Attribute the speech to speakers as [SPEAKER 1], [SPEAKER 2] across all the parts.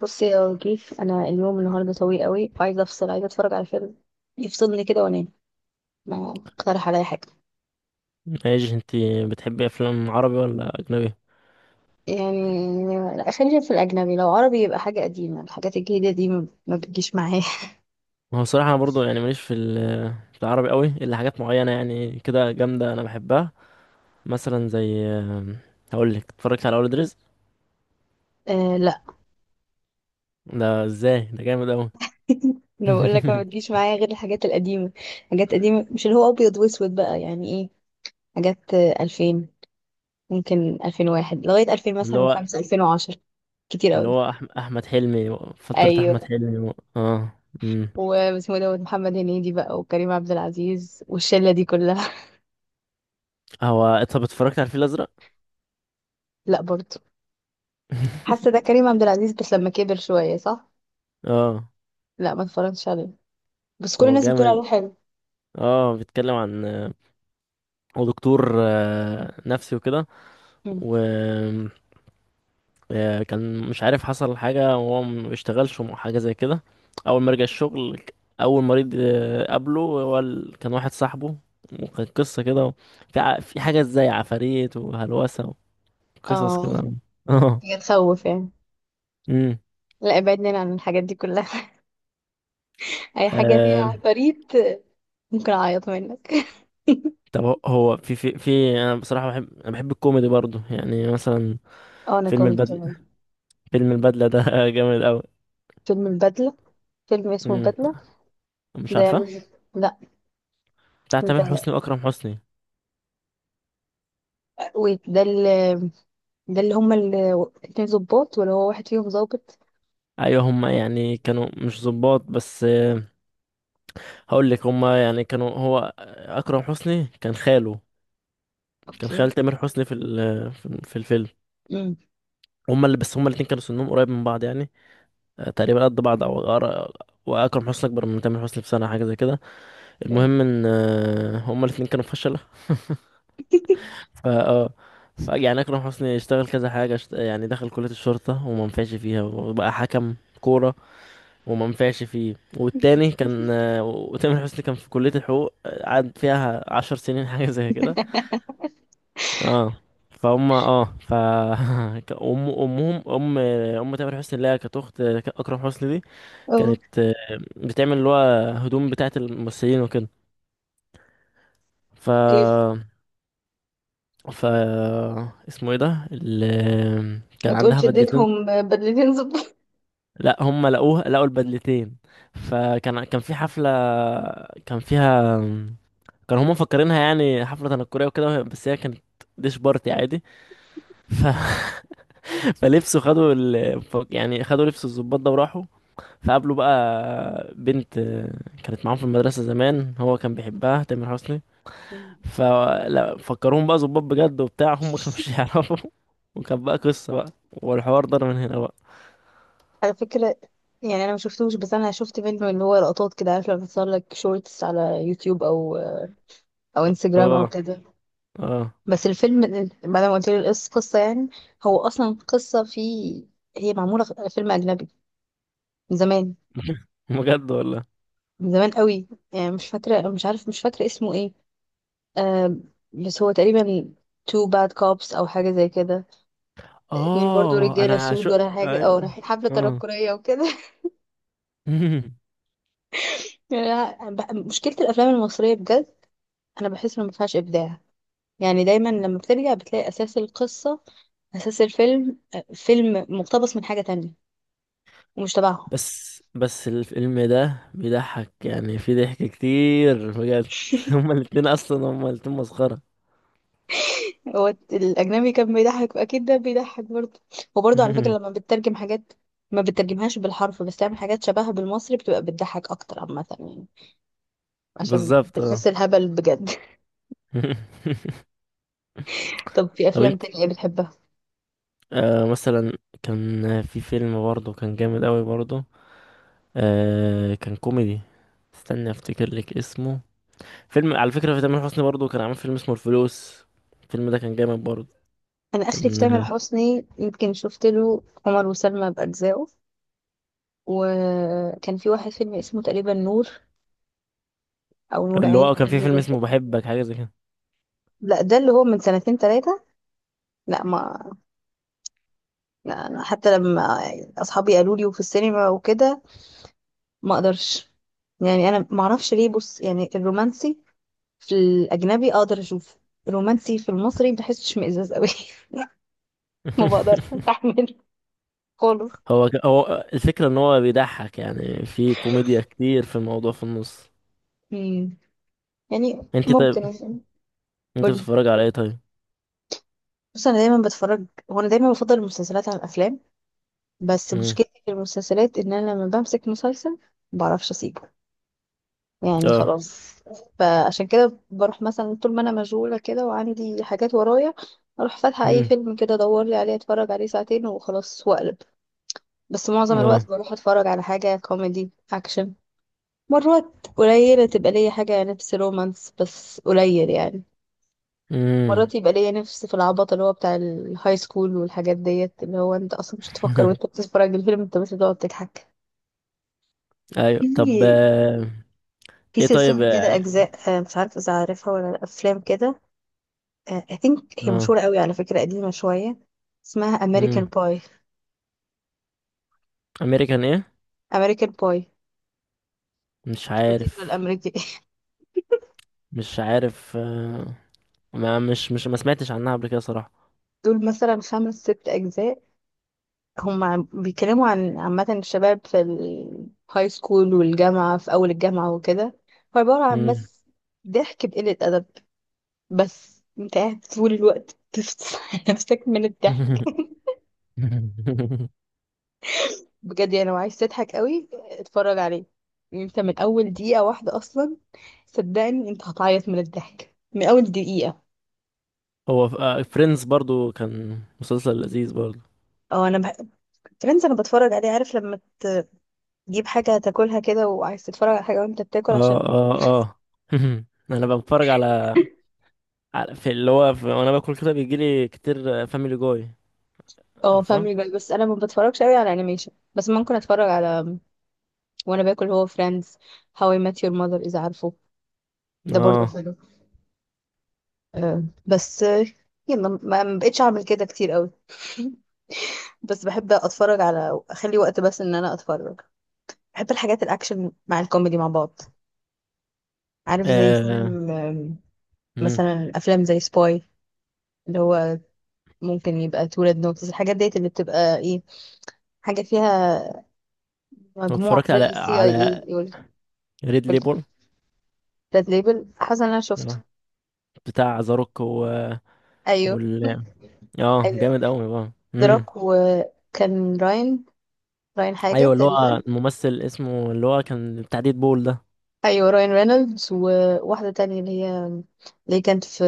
[SPEAKER 1] بصي يا وجيف، انا اليوم النهارده طويل قوي، عايزه افصل، عايزه اتفرج على فيلم يفصلني كده وانام. ما اقترح عليا حاجه.
[SPEAKER 2] ايش انت بتحبي افلام عربي ولا اجنبي؟
[SPEAKER 1] يعني لا، خلينا في الاجنبي. لو عربي يبقى حاجه قديمه، الحاجات الجديده دي ما بتجيش معايا.
[SPEAKER 2] ما هو صراحه انا برضو يعني ماليش في العربي قوي الا حاجات معينه، يعني كده جامده انا بحبها. مثلا زي هقول لك، اتفرجت على اولاد رزق؟
[SPEAKER 1] آه لا.
[SPEAKER 2] ده ازاي! ده جامد قوي.
[SPEAKER 1] انا بقول لك ما بتجيش معايا غير الحاجات القديمه. حاجات قديمه، مش اللي هو ابيض واسود بقى، يعني ايه، حاجات 2000، ممكن 2001 لغايه 2000
[SPEAKER 2] اللي
[SPEAKER 1] مثلا،
[SPEAKER 2] هو
[SPEAKER 1] وخمسة 2010، كتير
[SPEAKER 2] اللي
[SPEAKER 1] قوي.
[SPEAKER 2] هو احمد حلمي، فتره احمد
[SPEAKER 1] ايوه،
[SPEAKER 2] حلمي و... اه
[SPEAKER 1] واسمه دوت محمد هنيدي بقى وكريم عبد العزيز والشله دي كلها.
[SPEAKER 2] هو. طب اتفرجت على الفيل الازرق؟
[SPEAKER 1] لا برضه. حاسه ده كريم عبد العزيز بس لما كبر شويه، صح؟
[SPEAKER 2] اه.
[SPEAKER 1] لا ما اتفرجتش عليه، بس كل
[SPEAKER 2] هو
[SPEAKER 1] الناس بتقول
[SPEAKER 2] جامد.
[SPEAKER 1] عليه حلو.
[SPEAKER 2] اه، بيتكلم عن هو دكتور نفسي وكده.
[SPEAKER 1] مم.
[SPEAKER 2] كان مش عارف حصل حاجة وهو ما بيشتغلش حاجة زي كده. أول ما رجع الشغل أول مريض قابله كان واحد صاحبه، وكانت قصة كده، في حاجة زي عفاريت وهلوسة وقصص
[SPEAKER 1] اه،
[SPEAKER 2] كده. اه.
[SPEAKER 1] هي تخوف يعني.
[SPEAKER 2] امم
[SPEAKER 1] لا، ابعدنا عن الحاجات دي كلها. اي حاجه
[SPEAKER 2] آه،
[SPEAKER 1] فيها فريد ممكن اعيط منك.
[SPEAKER 2] طب هو في أنا بصراحة بحب الكوميدي برضو، يعني مثلا
[SPEAKER 1] اه، انا
[SPEAKER 2] فيلم
[SPEAKER 1] كوميدي
[SPEAKER 2] البدلة
[SPEAKER 1] كمان.
[SPEAKER 2] فيلم البدلة ده جامد أوي.
[SPEAKER 1] فيلم البدله؟ فيلم اسمه
[SPEAKER 2] امم
[SPEAKER 1] البدله؟
[SPEAKER 2] مش
[SPEAKER 1] ده مش
[SPEAKER 2] عارفة.
[SPEAKER 1] لا،
[SPEAKER 2] بتاع تامر
[SPEAKER 1] ده
[SPEAKER 2] حسني وأكرم حسني.
[SPEAKER 1] ويت ده اللي ده اللي هما اللي اتنين ظباط ولا هو واحد فيهم ظابط؟
[SPEAKER 2] أيوة، هما يعني كانوا مش ظباط بس. هقول لك، هما يعني كانوا، هو اكرم حسني كان خاله، كان
[SPEAKER 1] اوكي.
[SPEAKER 2] خال تامر حسني في ال- في في الفيلم.
[SPEAKER 1] امم
[SPEAKER 2] هما اللي بس هما الاتنين كانوا سنهم قريب من بعض يعني. تقريبا قد بعض او واكرم حسني اكبر من تامر حسني بسنه حاجه زي كده. المهم ان هما الاتنين كانوا فشله. ف اه يعني اكرم حسني اشتغل كذا حاجه، يعني دخل كليه الشرطه وما نفعش فيها، وبقى حكم كوره وما نفعش فيه. والتاني كان، وتامر حسني كان في كليه الحقوق، قعد فيها عشر سنين حاجه زي كده. اه فهم اه ف امهم، ام ام تامر حسني اللي هي كانت اخت اكرم حسني دي،
[SPEAKER 1] اوكي.
[SPEAKER 2] كانت بتعمل اللي هو هدوم بتاعه الممثلين وكده. ف ف اسمه ايه ده اللي
[SPEAKER 1] ما
[SPEAKER 2] كان عندها
[SPEAKER 1] تقولش
[SPEAKER 2] بدلتين.
[SPEAKER 1] اديتهم بدلتين
[SPEAKER 2] لا، هم لقوا البدلتين. فكان في حفله، كان فيها، كانوا هم مفكرينها يعني حفله تنكريه وكده، بس هي كانت ديش بارتي عادي. ف... فلبسوا يعني خدوا لبس الضباط ده وراحوا. فقابله بقى بنت كانت معاهم في المدرسة زمان، هو كان بيحبها تامر حسني.
[SPEAKER 1] ظباط.
[SPEAKER 2] ففكرهم بقى ظباط بجد وبتاع، هم ما كانوش يعرفوا. وكان بقى قصة بقى، والحوار ضرب من هنا بقى.
[SPEAKER 1] على فكرة، يعني انا ما شفتوش، بس انا شفت منه اللي هو لقطات كده. عارف لما بتصور لك شورتس على يوتيوب او انستجرام او
[SPEAKER 2] اه،
[SPEAKER 1] كده.
[SPEAKER 2] اه.
[SPEAKER 1] بس الفيلم بعد ما قلت لي القصة، قصة يعني، هو اصلا قصة هي معمولة في فيلم اجنبي من زمان.
[SPEAKER 2] بجد والله.
[SPEAKER 1] من زمان قوي، يعني مش فاكرة، مش عارف، مش فاكرة اسمه ايه. آه بس هو تقريبا تو باد كوبس او حاجة زي كده. اتنين برضو
[SPEAKER 2] اه،
[SPEAKER 1] رجالة
[SPEAKER 2] انا
[SPEAKER 1] سود
[SPEAKER 2] شو.
[SPEAKER 1] ولا حاجة، او
[SPEAKER 2] أيوة.
[SPEAKER 1] رايحين حفلة
[SPEAKER 2] اه.
[SPEAKER 1] تنكرية وكده. يعني مشكلة الافلام المصرية بجد، انا بحس انه ما فيهاش ابداع. يعني دايما لما بترجع بتلاقي أساس القصة، أساس الفيلم، فيلم مقتبس من حاجة تانية ومش تبعهم.
[SPEAKER 2] بس الفيلم ده بيضحك، يعني في ضحك كتير بجد. هما الاتنين اصلا، هما الاتنين مسخرة.
[SPEAKER 1] هو الأجنبي كان بيضحك، أكيد ده بيضحك برضه. وبرضه على فكرة، لما بتترجم حاجات ما بتترجمهاش بالحرف، بس تعمل حاجات شبهها بالمصري بتبقى بتضحك أكتر عامة يعني، عشان
[SPEAKER 2] بالظبط، اه.
[SPEAKER 1] بتحس الهبل بجد. طب في
[SPEAKER 2] طب
[SPEAKER 1] أفلام
[SPEAKER 2] انت؟
[SPEAKER 1] تانية إيه بتحبها؟
[SPEAKER 2] مثلا كان في فيلم برضه كان جامد قوي برضه، كان كوميدي. استنى افتكر لك اسمه. فيلم على فكرة في تامر حسني برضه كان عامل فيلم اسمه الفلوس. الفيلم ده كان جامد برضه.
[SPEAKER 1] أنا آخري في
[SPEAKER 2] كان
[SPEAKER 1] تامر
[SPEAKER 2] آه،
[SPEAKER 1] حسني يمكن شفت له عمر وسلمى بأجزائه، وكان في واحد فيلم اسمه تقريبا نور، أو نور
[SPEAKER 2] اللي
[SPEAKER 1] عين،
[SPEAKER 2] هو كان في
[SPEAKER 1] حاجة
[SPEAKER 2] فيلم
[SPEAKER 1] زي
[SPEAKER 2] اسمه
[SPEAKER 1] كده.
[SPEAKER 2] بحبك حاجة زي كده.
[SPEAKER 1] لا، ده اللي هو من سنتين ثلاثة. لا ما لا، أنا حتى لما أصحابي قالوا لي وفي السينما وكده ما أقدرش. يعني أنا ما أعرفش ليه. بص يعني، الرومانسي في الأجنبي أقدر أشوفه، الرومانسي في المصري بحسش مئزاز قوي. ما بقدرش أستحمله خالص.
[SPEAKER 2] هو الفكرة ان هو بيضحك، يعني في كوميديا كتير في الموضوع في النص.
[SPEAKER 1] مم. يعني
[SPEAKER 2] انت طيب،
[SPEAKER 1] ممكن مثلا.
[SPEAKER 2] انت
[SPEAKER 1] قولي.
[SPEAKER 2] بتتفرج على ايه طيب؟
[SPEAKER 1] بص، أنا دايما بتفرج. هو أنا دايما بفضل المسلسلات على الأفلام. بس
[SPEAKER 2] مم.
[SPEAKER 1] مشكلتي في المسلسلات، إن أنا لما بمسك مسلسل ما بعرفش أسيبه. يعني
[SPEAKER 2] اه.
[SPEAKER 1] خلاص. فعشان كده بروح مثلا، طول ما انا مشغولة كده وعندي حاجات ورايا، اروح فاتحة اي
[SPEAKER 2] مم.
[SPEAKER 1] فيلم كده، ادور لي عليه، اتفرج عليه ساعتين وخلاص واقلب. بس معظم
[SPEAKER 2] اه.
[SPEAKER 1] الوقت بروح اتفرج على حاجة كوميدي اكشن. مرات قليلة تبقى ليا حاجة نفس رومانس، بس قليل يعني.
[SPEAKER 2] مم.
[SPEAKER 1] مرات يبقى ليا نفس في العبط، اللي هو بتاع الهاي سكول والحاجات ديت، اللي هو انت اصلا مش هتفكر وانت بتتفرج الفيلم، انت بس بتقعد تضحك.
[SPEAKER 2] ايوه، طب.
[SPEAKER 1] في في
[SPEAKER 2] ايه طيب
[SPEAKER 1] سلسلة كده
[SPEAKER 2] يعني.
[SPEAKER 1] أجزاء، مش عارفة إذا عارفها ولا لأ، أفلام كده. I think هي
[SPEAKER 2] اه.
[SPEAKER 1] مشهورة قوي على فكرة، قديمة شوية، اسمها أمريكان
[SPEAKER 2] امم.
[SPEAKER 1] باي.
[SPEAKER 2] امريكان ايه؟
[SPEAKER 1] أمريكان باي،
[SPEAKER 2] مش
[SPEAKER 1] الفطيرة
[SPEAKER 2] عارف.
[SPEAKER 1] الأمريكي.
[SPEAKER 2] مش عارف. ما مش مش ما سمعتش عنها قبل كده صراحة.
[SPEAKER 1] دول مثلا خمس ست أجزاء، هم بيتكلموا عن عامة الشباب في الهاي سكول والجامعة، في أول الجامعة وكده. هو عبارة عن
[SPEAKER 2] مم.
[SPEAKER 1] بس ضحك بقلة أدب، بس انت قاعد طول الوقت بتفصل نفسك من الضحك. بجد يعني، لو عايز تضحك قوي اتفرج عليه. يعني انت من أول دقيقة واحدة أصلا، صدقني انت هتعيط من الضحك من أول دقيقة.
[SPEAKER 2] هو فريندز برضو كان مسلسل لذيذ برضو.
[SPEAKER 1] اه، فريندز انا بتفرج عليه. عارف لما تجيب حاجه تاكلها كده وعايز تتفرج على حاجه وانت بتاكل،
[SPEAKER 2] اه،
[SPEAKER 1] عشان.
[SPEAKER 2] اه، اه. انا بتفرج على على- في اللي هو في... وانا باكل كده بيجيلي كتير فاميلي جوي،
[SPEAKER 1] اه،
[SPEAKER 2] عارفه؟
[SPEAKER 1] فاميلي جاي، بس انا ما بتفرجش قوي على انيميشن، بس ممكن اتفرج على وانا باكل هو فريندز، هاو اي مات يور ماذر اذا عارفه. ده برضه
[SPEAKER 2] اه.
[SPEAKER 1] حلو. آه، بس آه، يلا ما بقتش اعمل كده كتير قوي. بس بحب اتفرج، على اخلي وقت بس ان انا اتفرج. بحب الحاجات الاكشن مع الكوميدي مع بعض، عارف زي
[SPEAKER 2] آه،
[SPEAKER 1] فيلم،
[SPEAKER 2] امم
[SPEAKER 1] مثلا افلام زي سباي، اللي هو ممكن يبقى تولد نوتس، الحاجات ديت اللي بتبقى ايه. حاجة فيها مجموع
[SPEAKER 2] اتفرجت
[SPEAKER 1] زي
[SPEAKER 2] على
[SPEAKER 1] السي اي اي، يقول.
[SPEAKER 2] ريد ليبل.
[SPEAKER 1] ريد ليبل؟ حصل انا شفته.
[SPEAKER 2] اه، بتاع ذا روك و...
[SPEAKER 1] ايوه.
[SPEAKER 2] وال اه
[SPEAKER 1] ايوه،
[SPEAKER 2] جامد قوي بقى.
[SPEAKER 1] دراك وكان راين، راين
[SPEAKER 2] ايوه،
[SPEAKER 1] حاجة
[SPEAKER 2] اللي
[SPEAKER 1] تقريبا.
[SPEAKER 2] هو الممثل اسمه، اللي هو كان بتاع ديد بول ده.
[SPEAKER 1] ايوه، راين رينولدز، وواحدة تانية اللي هي اللي كانت في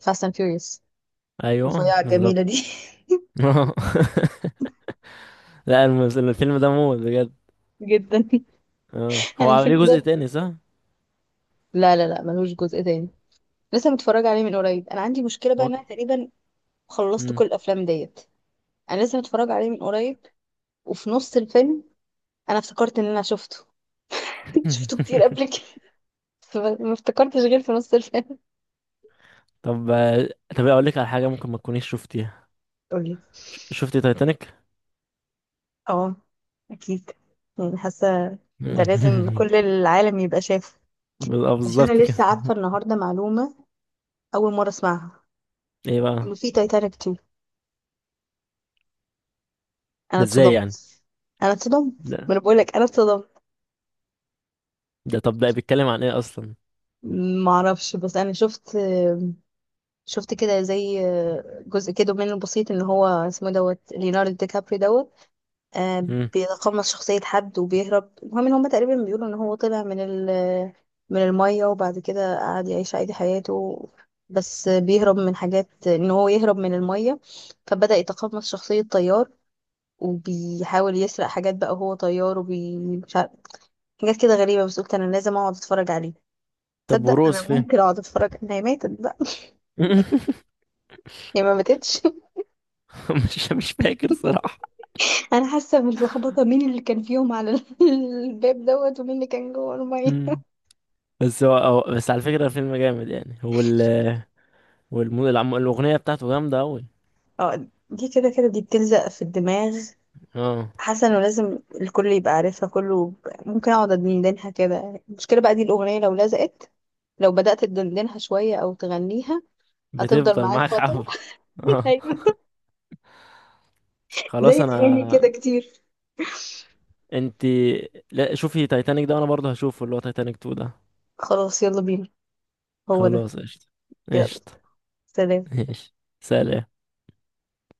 [SPEAKER 1] فاست اند فيوريوس.
[SPEAKER 2] ايوه
[SPEAKER 1] رفيعة
[SPEAKER 2] بالظبط.
[SPEAKER 1] الجميلة دي.
[SPEAKER 2] لا، الفيلم ده موت بجد.
[SPEAKER 1] جدا.
[SPEAKER 2] اه، هو
[SPEAKER 1] انا
[SPEAKER 2] عامل ليه
[SPEAKER 1] الفيلم
[SPEAKER 2] جزء
[SPEAKER 1] ده،
[SPEAKER 2] تاني صح؟
[SPEAKER 1] لا لا لا، ملهوش جزء تاني. لسه متفرج عليه من قريب. انا عندي مشكلة بقى،
[SPEAKER 2] هو-
[SPEAKER 1] ان انا تقريبا خلصت
[SPEAKER 2] مم.
[SPEAKER 1] كل الافلام ديت. انا لسه متفرج عليه من قريب، وفي نص الفيلم انا افتكرت ان انا شفته. شفته كتير قبل كده. بس ما افتكرتش غير في نص الفيلم.
[SPEAKER 2] طب طب اقول لك على حاجه ممكن ما تكونيش شفتيها.
[SPEAKER 1] قولي.
[SPEAKER 2] شفتي تايتانيك؟
[SPEAKER 1] اه، اكيد، يعني حاسه ده لازم
[SPEAKER 2] مم.
[SPEAKER 1] كل العالم يبقى شافه. بس
[SPEAKER 2] بالظبط
[SPEAKER 1] انا
[SPEAKER 2] كده.
[SPEAKER 1] لسه عارفه النهارده معلومه اول مره اسمعها،
[SPEAKER 2] ايه بقى؟
[SPEAKER 1] انه في تايتانيك 2. انا
[SPEAKER 2] ده ازاي يعني؟
[SPEAKER 1] اتصدمت. انا اتصدمت، ما
[SPEAKER 2] ده
[SPEAKER 1] انا بقول لك انا اتصدمت.
[SPEAKER 2] ده طب ده بيتكلم عن ايه اصلا؟
[SPEAKER 1] ما اعرفش، بس انا شفت كده زي جزء كده منه بسيط، ان هو اسمه دوت ليوناردو دي كابري دوت.
[SPEAKER 2] مم.
[SPEAKER 1] بيتقمص شخصية حد وبيهرب. المهم ان هما تقريبا بيقولوا ان هو طلع من من المية، وبعد كده قعد يعيش عادي حياته. بس بيهرب من حاجات، ان هو يهرب من المية، فبدأ يتقمص شخصية طيار، وبيحاول يسرق حاجات بقى وهو طيار، مش عارف، حاجات كده غريبة، بس قلت انا لازم اقعد اتفرج عليه.
[SPEAKER 2] طب
[SPEAKER 1] تصدق،
[SPEAKER 2] وروز
[SPEAKER 1] انا
[SPEAKER 2] فين؟
[SPEAKER 1] ممكن اقعد اتفرج. انا هي ماتت بقى؟ هي ما ماتتش.
[SPEAKER 2] مش فاكر صراحه.
[SPEAKER 1] انا حاسه باللخبطه مين اللي كان فيهم على الباب دوت ومين اللي كان جوه الميه.
[SPEAKER 2] مم. بس بس على فكرة الفيلم جامد يعني هو. الأغنية بتاعته جامدة أوي.
[SPEAKER 1] اه، دي كده كده دي بتلزق في الدماغ.
[SPEAKER 2] اه،
[SPEAKER 1] حاسه انه لازم الكل يبقى عارفها كله. ممكن اقعد ادندنها كده. المشكله بقى دي الاغنيه، لو لزقت، لو بدات تدندنها شويه او تغنيها هتفضل
[SPEAKER 2] بتفضل
[SPEAKER 1] معاك
[SPEAKER 2] معاك
[SPEAKER 1] فتره.
[SPEAKER 2] حبة. اه.
[SPEAKER 1] ايوه،
[SPEAKER 2] خلاص.
[SPEAKER 1] زي اغاني
[SPEAKER 2] أنا
[SPEAKER 1] كده كتير.
[SPEAKER 2] انتي لا، شوفي تايتانيك ده، وأنا برضه هشوفه اللي هو تايتانيك 2 ده.
[SPEAKER 1] خلاص يلا بينا. هو ده.
[SPEAKER 2] خلاص قشطة.
[SPEAKER 1] يلا،
[SPEAKER 2] قشطة.
[SPEAKER 1] سلام.
[SPEAKER 2] ماشي، سلام.